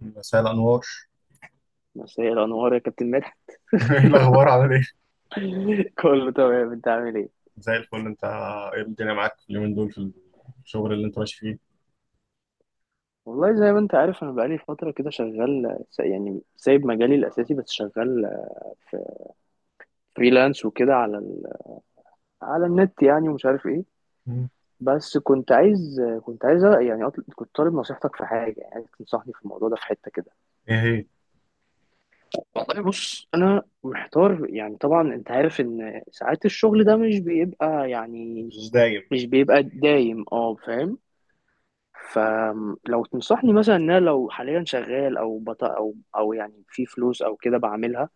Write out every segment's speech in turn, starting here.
مساء الأنوار. مساء الأنوار يا كابتن مدحت. إيه الأخبار؟ عامل إيه؟ كله تمام، أنت عامل إيه؟ زي الفل. أنت إيه الدنيا معاك في اليومين دول في الشغل اللي أنت ماشي فيه؟ والله، زي ما أنت عارف، أنا بقالي فترة كده شغال يعني سايب مجالي الأساسي، بس شغال في فريلانس وكده على النت يعني، ومش عارف إيه. مم. بس كنت عايز يعني، كنت طالب نصيحتك في حاجة، يعني عايز تنصحني في الموضوع ده في حتة كده. إيه هي؟ والله بص، أنا محتار. يعني طبعا أنت عارف إن ساعات الشغل ده مش دايم. مش بيبقى دايم، أه فاهم. فلو تنصحني مثلا ان انا لو حاليا شغال او يعني في فلوس او كده بعملها،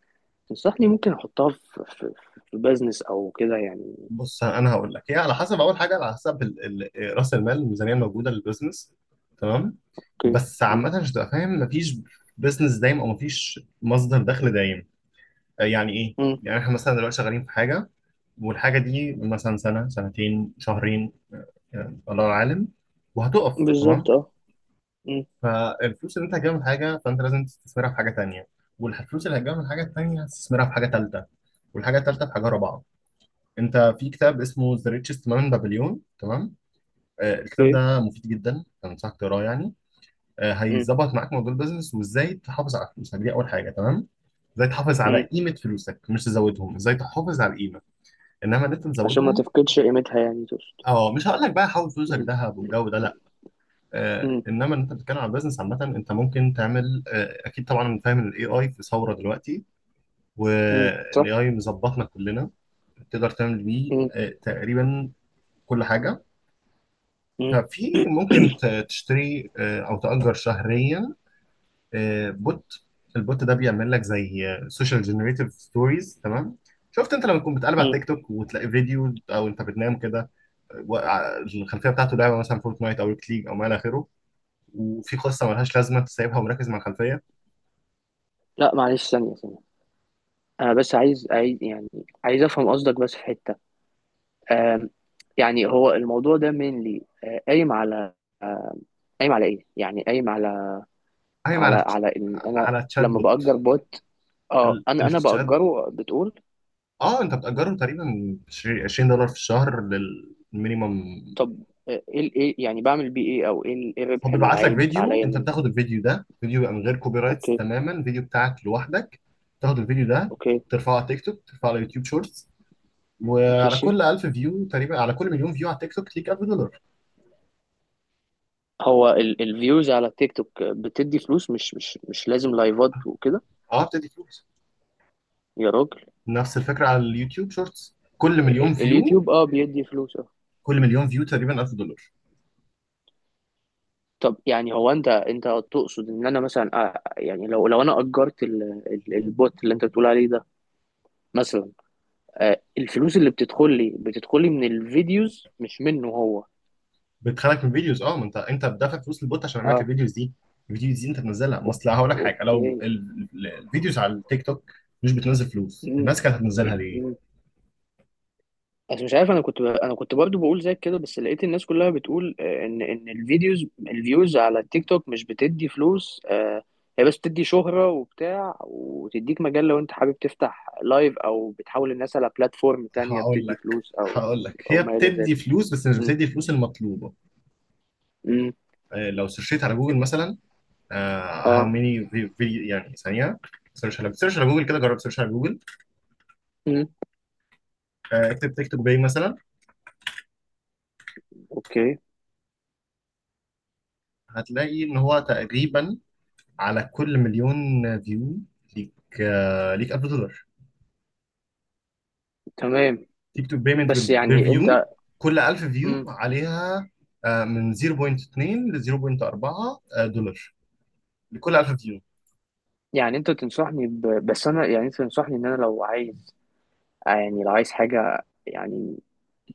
تنصحني ممكن احطها في بزنس او كده يعني. بص، أنا هقول لك، هي على حسب. أول حاجة على حسب رأس المال، الميزانية الموجودة للبزنس. تمام؟ اوكي، بس مم. عامة عشان تبقى فاهم، مفيش بزنس دايم أو مفيش مصدر دخل دايم. يعني إيه؟ مم. يعني إحنا مثلا دلوقتي شغالين في حاجة، والحاجة دي مثلا سنة، سنتين، شهرين، يعني الله أعلم، وهتقف. تمام؟ بالظبط، اه. مم. فالفلوس اللي انت هتجيبها من حاجه فانت لازم تستثمرها في حاجه تانية، والفلوس اللي هتجيبها من حاجه تانية هتستثمرها في حاجه تالتة، والحاجه التالتة في حاجه رابعه. انت في كتاب اسمه ذا ريتشست مان بابليون، تمام؟ آه، الكتاب اوكي، ده مفيد جدا، انصحك تقراه يعني. آه، مم. هيظبط معاك موضوع البيزنس، وازاي تحافظ على فلوسك دي اول حاجه. تمام؟ ازاي تحافظ على مم. قيمه فلوسك، مش تزودهم، ازاي تحافظ على القيمه، انما ان انت عشان ما تزودهم. تفقدش قيمتها يعني تقصد. اه، مش هقول لك بقى حول فلوسك مم. ذهب والجو ده، لا. مم. انما انت بتتكلم عن بزنس عامه، انت ممكن تعمل، اكيد طبعا انا فاهم ان الاي اي في ثوره دلوقتي، مم. صح. والاي اي مظبطنا كلنا. تقدر تعمل بيه مم. تقريبا كل حاجه. مم. ففي ممكن تشتري او تأجر شهريا بوت. البوت ده بيعمل لك زي سوشيال جنريتيف ستوريز. تمام؟ شفت انت لما تكون بتقلب على مم. تيك توك وتلاقي فيديو، او انت بتنام كده الخلفيه بتاعته لعبه مثلا فورتنايت او ريكت ليج او ما الى اخره، وفي قصه ملهاش لازمه تسيبها ومركز مع الخلفيه. لا، معلش ثانية ثانية، انا بس عايز يعني، عايز افهم قصدك بس في حتة. آم، يعني هو الموضوع ده mainly، قايم على، قايم على ايه؟ يعني قايم على، قايم على على على ان انا تشات لما بوت. باجر بوت. اه، انا التشات، باجره بتقول. اه انت بتأجره تقريبا $20 في الشهر للمينيمم. طب، ايه ايه يعني بعمل بيه ايه، او ايه إيه هو الربح اللي بيبعت لك عايد فيديو، عليا انت منه؟ بتاخد الفيديو ده، فيديو بقى من غير كوبي رايتس اوكي. تماما، فيديو بتاعك لوحدك. تاخد الفيديو ده اوكي. ترفعه على تيك توك، ترفعه على يوتيوب شورتس، وعلى ماشي. كل 1000 فيو تقريبا، على كل مليون فيو على تيك توك ليك $1000. هو الفيوز على التيك توك بتدي فلوس، مش لازم لايفات وكده؟ اه، بتدي فلوس. يا راجل! نفس الفكرة على اليوتيوب شورتس، كل مليون فيو، اليوتيوب اه بيدي فلوس، اه. كل مليون فيو تقريبا $1000. طب يعني هو انت تقصد ان انا مثلا، يعني لو انا اجرت البوت اللي انت بتقول عليه ده، مثلا الفلوس اللي بتدخل لي من الفيديوز مش منه هو؟ بتخلك من الفيديوز، اه، ما انت بتدفع فلوس للبوت عشان يعمل لك اه. الفيديوز دي. الفيديوز دي انت بتنزلها، ما أو- اصل هقول لك حاجه، لو اوكي. الفيديوز على التيك توك مش بتنزل فلوس، مم، الناس كانت هتنزلها ليه؟ مم. بس مش عارف، انا انا كنت برضو بقول زي كده، بس لقيت الناس كلها بتقول، ان الفيوز على التيك توك مش بتدي فلوس. هي بس بتدي شهرة وبتاع، وتديك مجال لو انت حابب تفتح لايف، او بتحول الناس على بلاتفورم تانية هقول بتدي لك فلوس، او هقول لك، او هي ما الى بتدي ذلك يعني. فلوس بس مش مم، بتدي الفلوس المطلوبه. مم، آه، لو سيرشيت على جوجل مثلا، هاو اه، ميني فيديو، يعني ثانيه، سيرش على جوجل كده، جرب سيرش على جوجل. مم. آه، اكتب تيك توك باي مثلا، اوكي. هتلاقي ان هو تقريبا على كل مليون فيو ليك، ليك $1000. تمام. تيك توك بيمنت بس بير يعني فيو، انت، كل 1000 فيو عليها من 0.2 ل 0.4 دولار لكل 1000 فيو. يعني انت تنصحني بس انا يعني، انت تنصحني ان انا لو عايز حاجة يعني،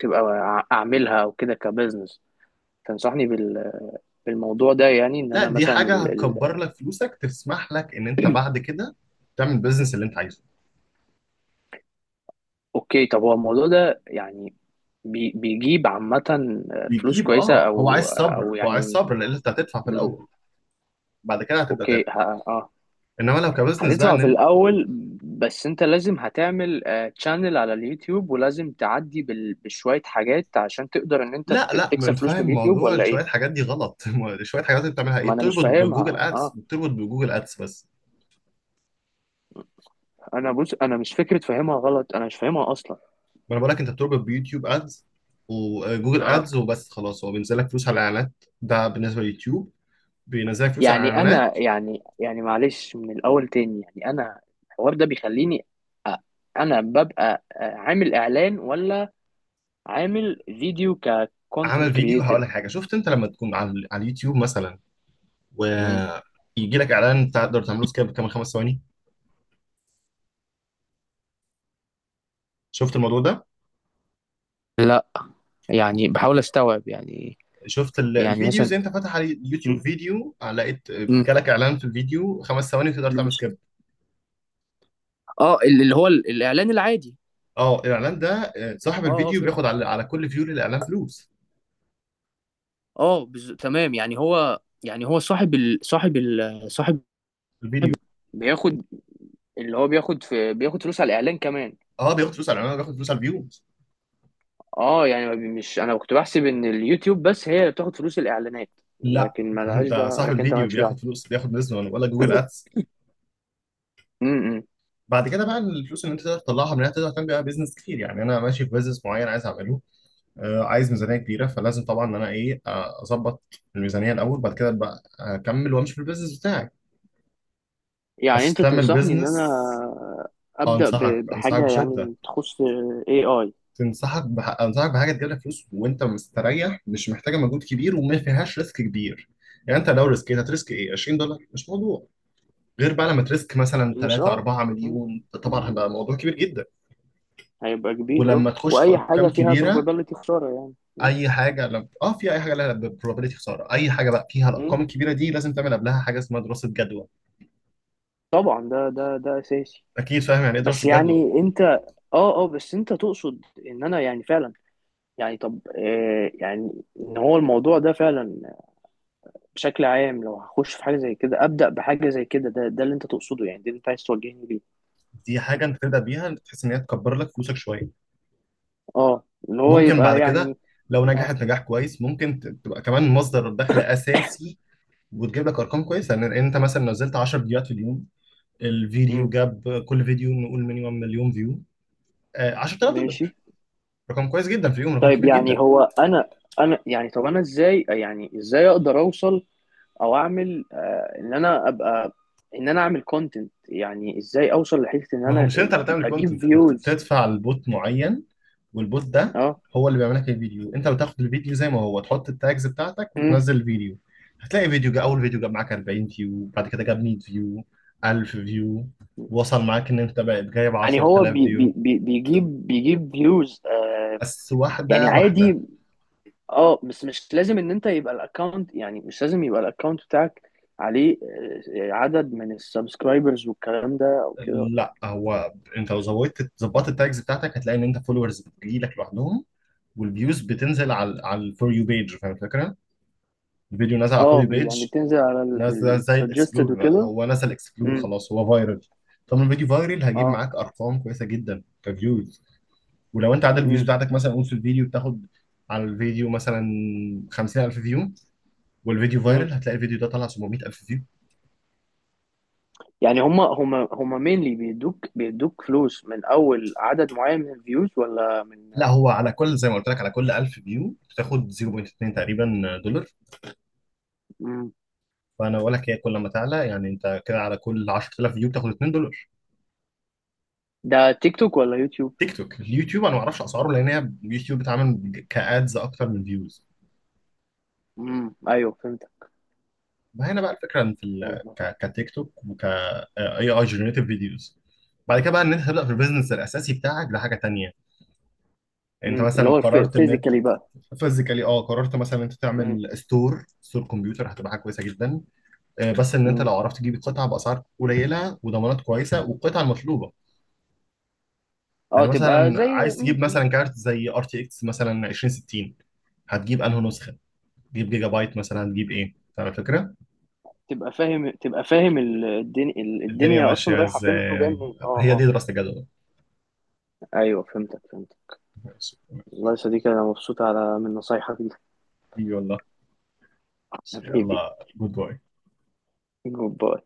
تبقى اعملها او كده كبزنس. تنصحني بالموضوع ده، يعني ان لا، انا دي مثلا، حاجه هتكبر لك فلوسك، تسمح لك ان انت بعد كده تعمل البيزنس اللي انت عايزه. اوكي. طب، هو الموضوع ده يعني بيجيب عامة فلوس بيجيب، كويسة، اه، هو عايز او صبر، يعني. لان انت هتدفع في مم. الاول، بعد كده هتبدا اوكي، تاخد. اه. انما لو كبزنس بقى هتدفع ان في انت، الاول. بس انت لازم هتعمل تشانل على اليوتيوب، ولازم تعدي بشوية حاجات عشان تقدر ان انت لا لا، ما تكسب انت فلوس فاهم، من اليوتيوب، موضوع ولا ايه؟ شويه حاجات دي غلط. شويه حاجات انت بتعملها ايه؟ ما انا مش بتربط بجوجل فاهمها، ادس، اه. بس. انا، بص، انا مش فكره فاهمها غلط، انا مش فاهمها اصلا. ما انا بقول لك انت بتربط بيوتيوب ادز وجوجل اه. ادز، وبس، خلاص. هو بينزل لك فلوس على الاعلانات، ده بالنسبه لليوتيوب. بينزل لك فلوس على يعني الاعلانات. انا، يعني معلش من الاول تاني، يعني انا، الحوار ده بيخليني، أ- انا ببقى عامل اعلان ولا عامل فيديو ككونتنت عمل فيديو، هقول كرييتور؟ لك حاجه، شفت انت لما تكون على اليوتيوب مثلا، ويجي لك اعلان تقدر تعمله سكيب كمان خمس ثواني؟ شفت الموضوع ده؟ يعني بحاول استوعب يعني. شفت يعني الفيديوز مثلا. انت فاتح على اليوتيوب مم. فيديو، لقيت مم. جالك اعلان في الفيديو خمس ثواني تقدر تعمل ماشي. سكيب؟ اه، اللي هو الاعلان العادي. اه الاعلان ده، صاحب اه اه، الفيديو فهمت. بياخد على كل فيو للاعلان فلوس. اه تمام. يعني هو، يعني هو صاحب، الفيديو، بياخد، اللي هو بياخد فلوس على الاعلان كمان. اه، بياخد فلوس على الاعلان، وبياخد فلوس على الفيو. اه يعني ما بي- مش، انا كنت بحسب ان اليوتيوب بس هي اللي بتاخد فلوس الاعلانات، لا، لكن ما لهاش انت ده، صاحب لكن انت الفيديو مالكش دعوه. بياخد فلوس، بياخد بزنس، ولا جوجل ادس. امم بعد كده بقى، الفلوس اللي انت تقدر تطلعها منها تقدر تعمل بيها بيزنس كتير. يعني انا ماشي في بيزنس معين عايز اعمله، آه، عايز ميزانيه كبيره، فلازم طبعا ان انا ايه، اظبط الميزانيه الاول، بعد كده بقى اكمل وامشي في البيزنس بتاعي. يعني بس انت تعمل تنصحني ان انا بيزنس، ابدا انصحك بحاجه بشده. يعني تخص. اي اي. انصحك بحاجه تجيب لك فلوس وانت مستريح، مش محتاجه مجهود كبير، وما فيهاش ريسك كبير. يعني انت لو ريسكيت، هتريسك ايه، $20، مش موضوع. غير بقى لما تريسك مثلا مش 3، اه. 4 مم. مليون، طبعا هيبقى موضوع كبير جدا. هيبقى كبير، ولما اه. تخش في واي ارقام حاجه فيها كبيره، probability خساره يعني. مم. اي حاجه لب... اه في اي حاجه لها probability خساره، اي حاجه بقى فيها مم. الارقام الكبيره دي، لازم تعمل قبلها حاجه اسمها دراسه جدوى. طبعا، ده اساسي. اكيد فاهم يعني ايه بس دراسه جدوى. يعني انت، اه اه، بس انت تقصد ان انا يعني فعلا، يعني طب، يعني ان هو الموضوع ده فعلا، بشكل عام، لو هخش في حاجه زي كده ابدا بحاجه زي كده، ده اللي انت تقصده يعني، ده اللي انت عايز توجهني ليه؟ دي حاجه انت تبدا بيها تحس ان هي تكبر لك فلوسك شويه، اه، اللي هو ممكن بعد يبقى كده يعني. لو اه. نجحت نجاح كويس ممكن تبقى كمان مصدر دخل اساسي، وتجيب لك ارقام كويسه. لان انت مثلا نزلت 10 فيديوهات في اليوم، الفيديو امم. جاب، كل فيديو نقول مينيمم مليون فيو، آه 10000 ماشي. دولار رقم كويس جدا في يوم، رقم طيب كبير جدا. يعني هو انا، انا يعني طب، انا ازاي اقدر اوصل، او اعمل، ان انا اعمل كونتنت، يعني ازاي اوصل لحته ان ما هو انا، مش انت اللي تعمل اجيب كونتنت، انت فيوز. بتدفع لبوت معين، والبوت ده اه. هو اللي بيعمل لك الفيديو. انت بتاخد الفيديو زي ما هو، تحط التاجز بتاعتك امم. وتنزل الفيديو. هتلاقي فيديو جا، اول فيديو جاب معاك 40 فيو، بعد كده جاب 100 فيو، 1000 فيو، وصل معاك ان انت بقت جايب يعني هو 10000 فيو. بيجيب فيوز. بس يعني واحده واحده. عادي. اه، بس مش لازم ان انت يبقى الاكونت يعني مش لازم يبقى الاكونت بتاعك عليه عدد من السبسكرايبرز والكلام ده او كده، لا. لا، هو انت لو زودت ظبطت التاجز بتاعتك هتلاقي ان انت فولورز بتجيلك لوحدهم، والفيوز بتنزل على الفور يو بيج. فاهم الفكره؟ الفيديو نازل على الفور اه، يو يعني بيج، بتنزل على ناس زي السجستد الاكسبلور بقى، وكده. هو نسى الاكسبلور امم. خلاص، هو فايرال. طب لما بيجي فايرال، هجيب اه. معاك ارقام كويسه جدا كفيوز. ولو انت عدد الفيوز امم. بتاعتك مثلا، قول في الفيديو بتاخد على الفيديو مثلا 50000 فيو، والفيديو امم. فايرال، هتلاقي الفيديو ده طلع 700000 فيو. يعني هما مينلي بيدوك فلوس من اول عدد معين من الفيوز، ولا من... لا هو على كل، زي ما قلت لك، على كل 1000 فيو بتاخد 0.2 تقريبا دولار. امم فانا بقول لك هي كل ما تعلى، يعني انت كده على كل 10000 فيو بتاخد $2. ده تيك توك ولا يوتيوب؟ تيك توك؟ اليوتيوب انا ما اعرفش اسعاره، لان هي اليوتيوب بتعمل كادز اكتر من فيوز. ايوه فهمت. ما هنا بقى الفكره ان في والله. كتيك توك وك اي اي جنريتيف فيديوز. بعد كده بقى ان انت تبدا في البيزنس الاساسي بتاعك لحاجه تانية. يعني انت اللي مثلا هو قررت ان انت فيزيكالي بقى. فيزيكالي، اه قررت مثلا انت امم. تعمل ستور، ستور كمبيوتر، هتبقى حاجه كويسه جدا. آه، بس ان انت امم. لو عرفت تجيب القطعه باسعار قليله، وضمانات كويسه، والقطعه المطلوبه. اه يعني تبقى مثلا زي... عايز تجيب مم. مثلا كارت زي ار تي اكس مثلا 2060، هتجيب انهي نسخه؟ تجيب جيجا بايت مثلا؟ هتجيب ايه؟ فاهم الفكره؟ تبقى فاهم، تبقى فاهم الدنيا الدنيا اصلا ماشيه رايحه فين وجايه ازاي؟ منين، اه هي اه. دي دراسه الجدوى. ايوه فهمتك فهمتك. والله يا صديقي، انا مبسوط على من نصايحك دي. اي والله. يلا، حبيبي. جود باي. جود باي.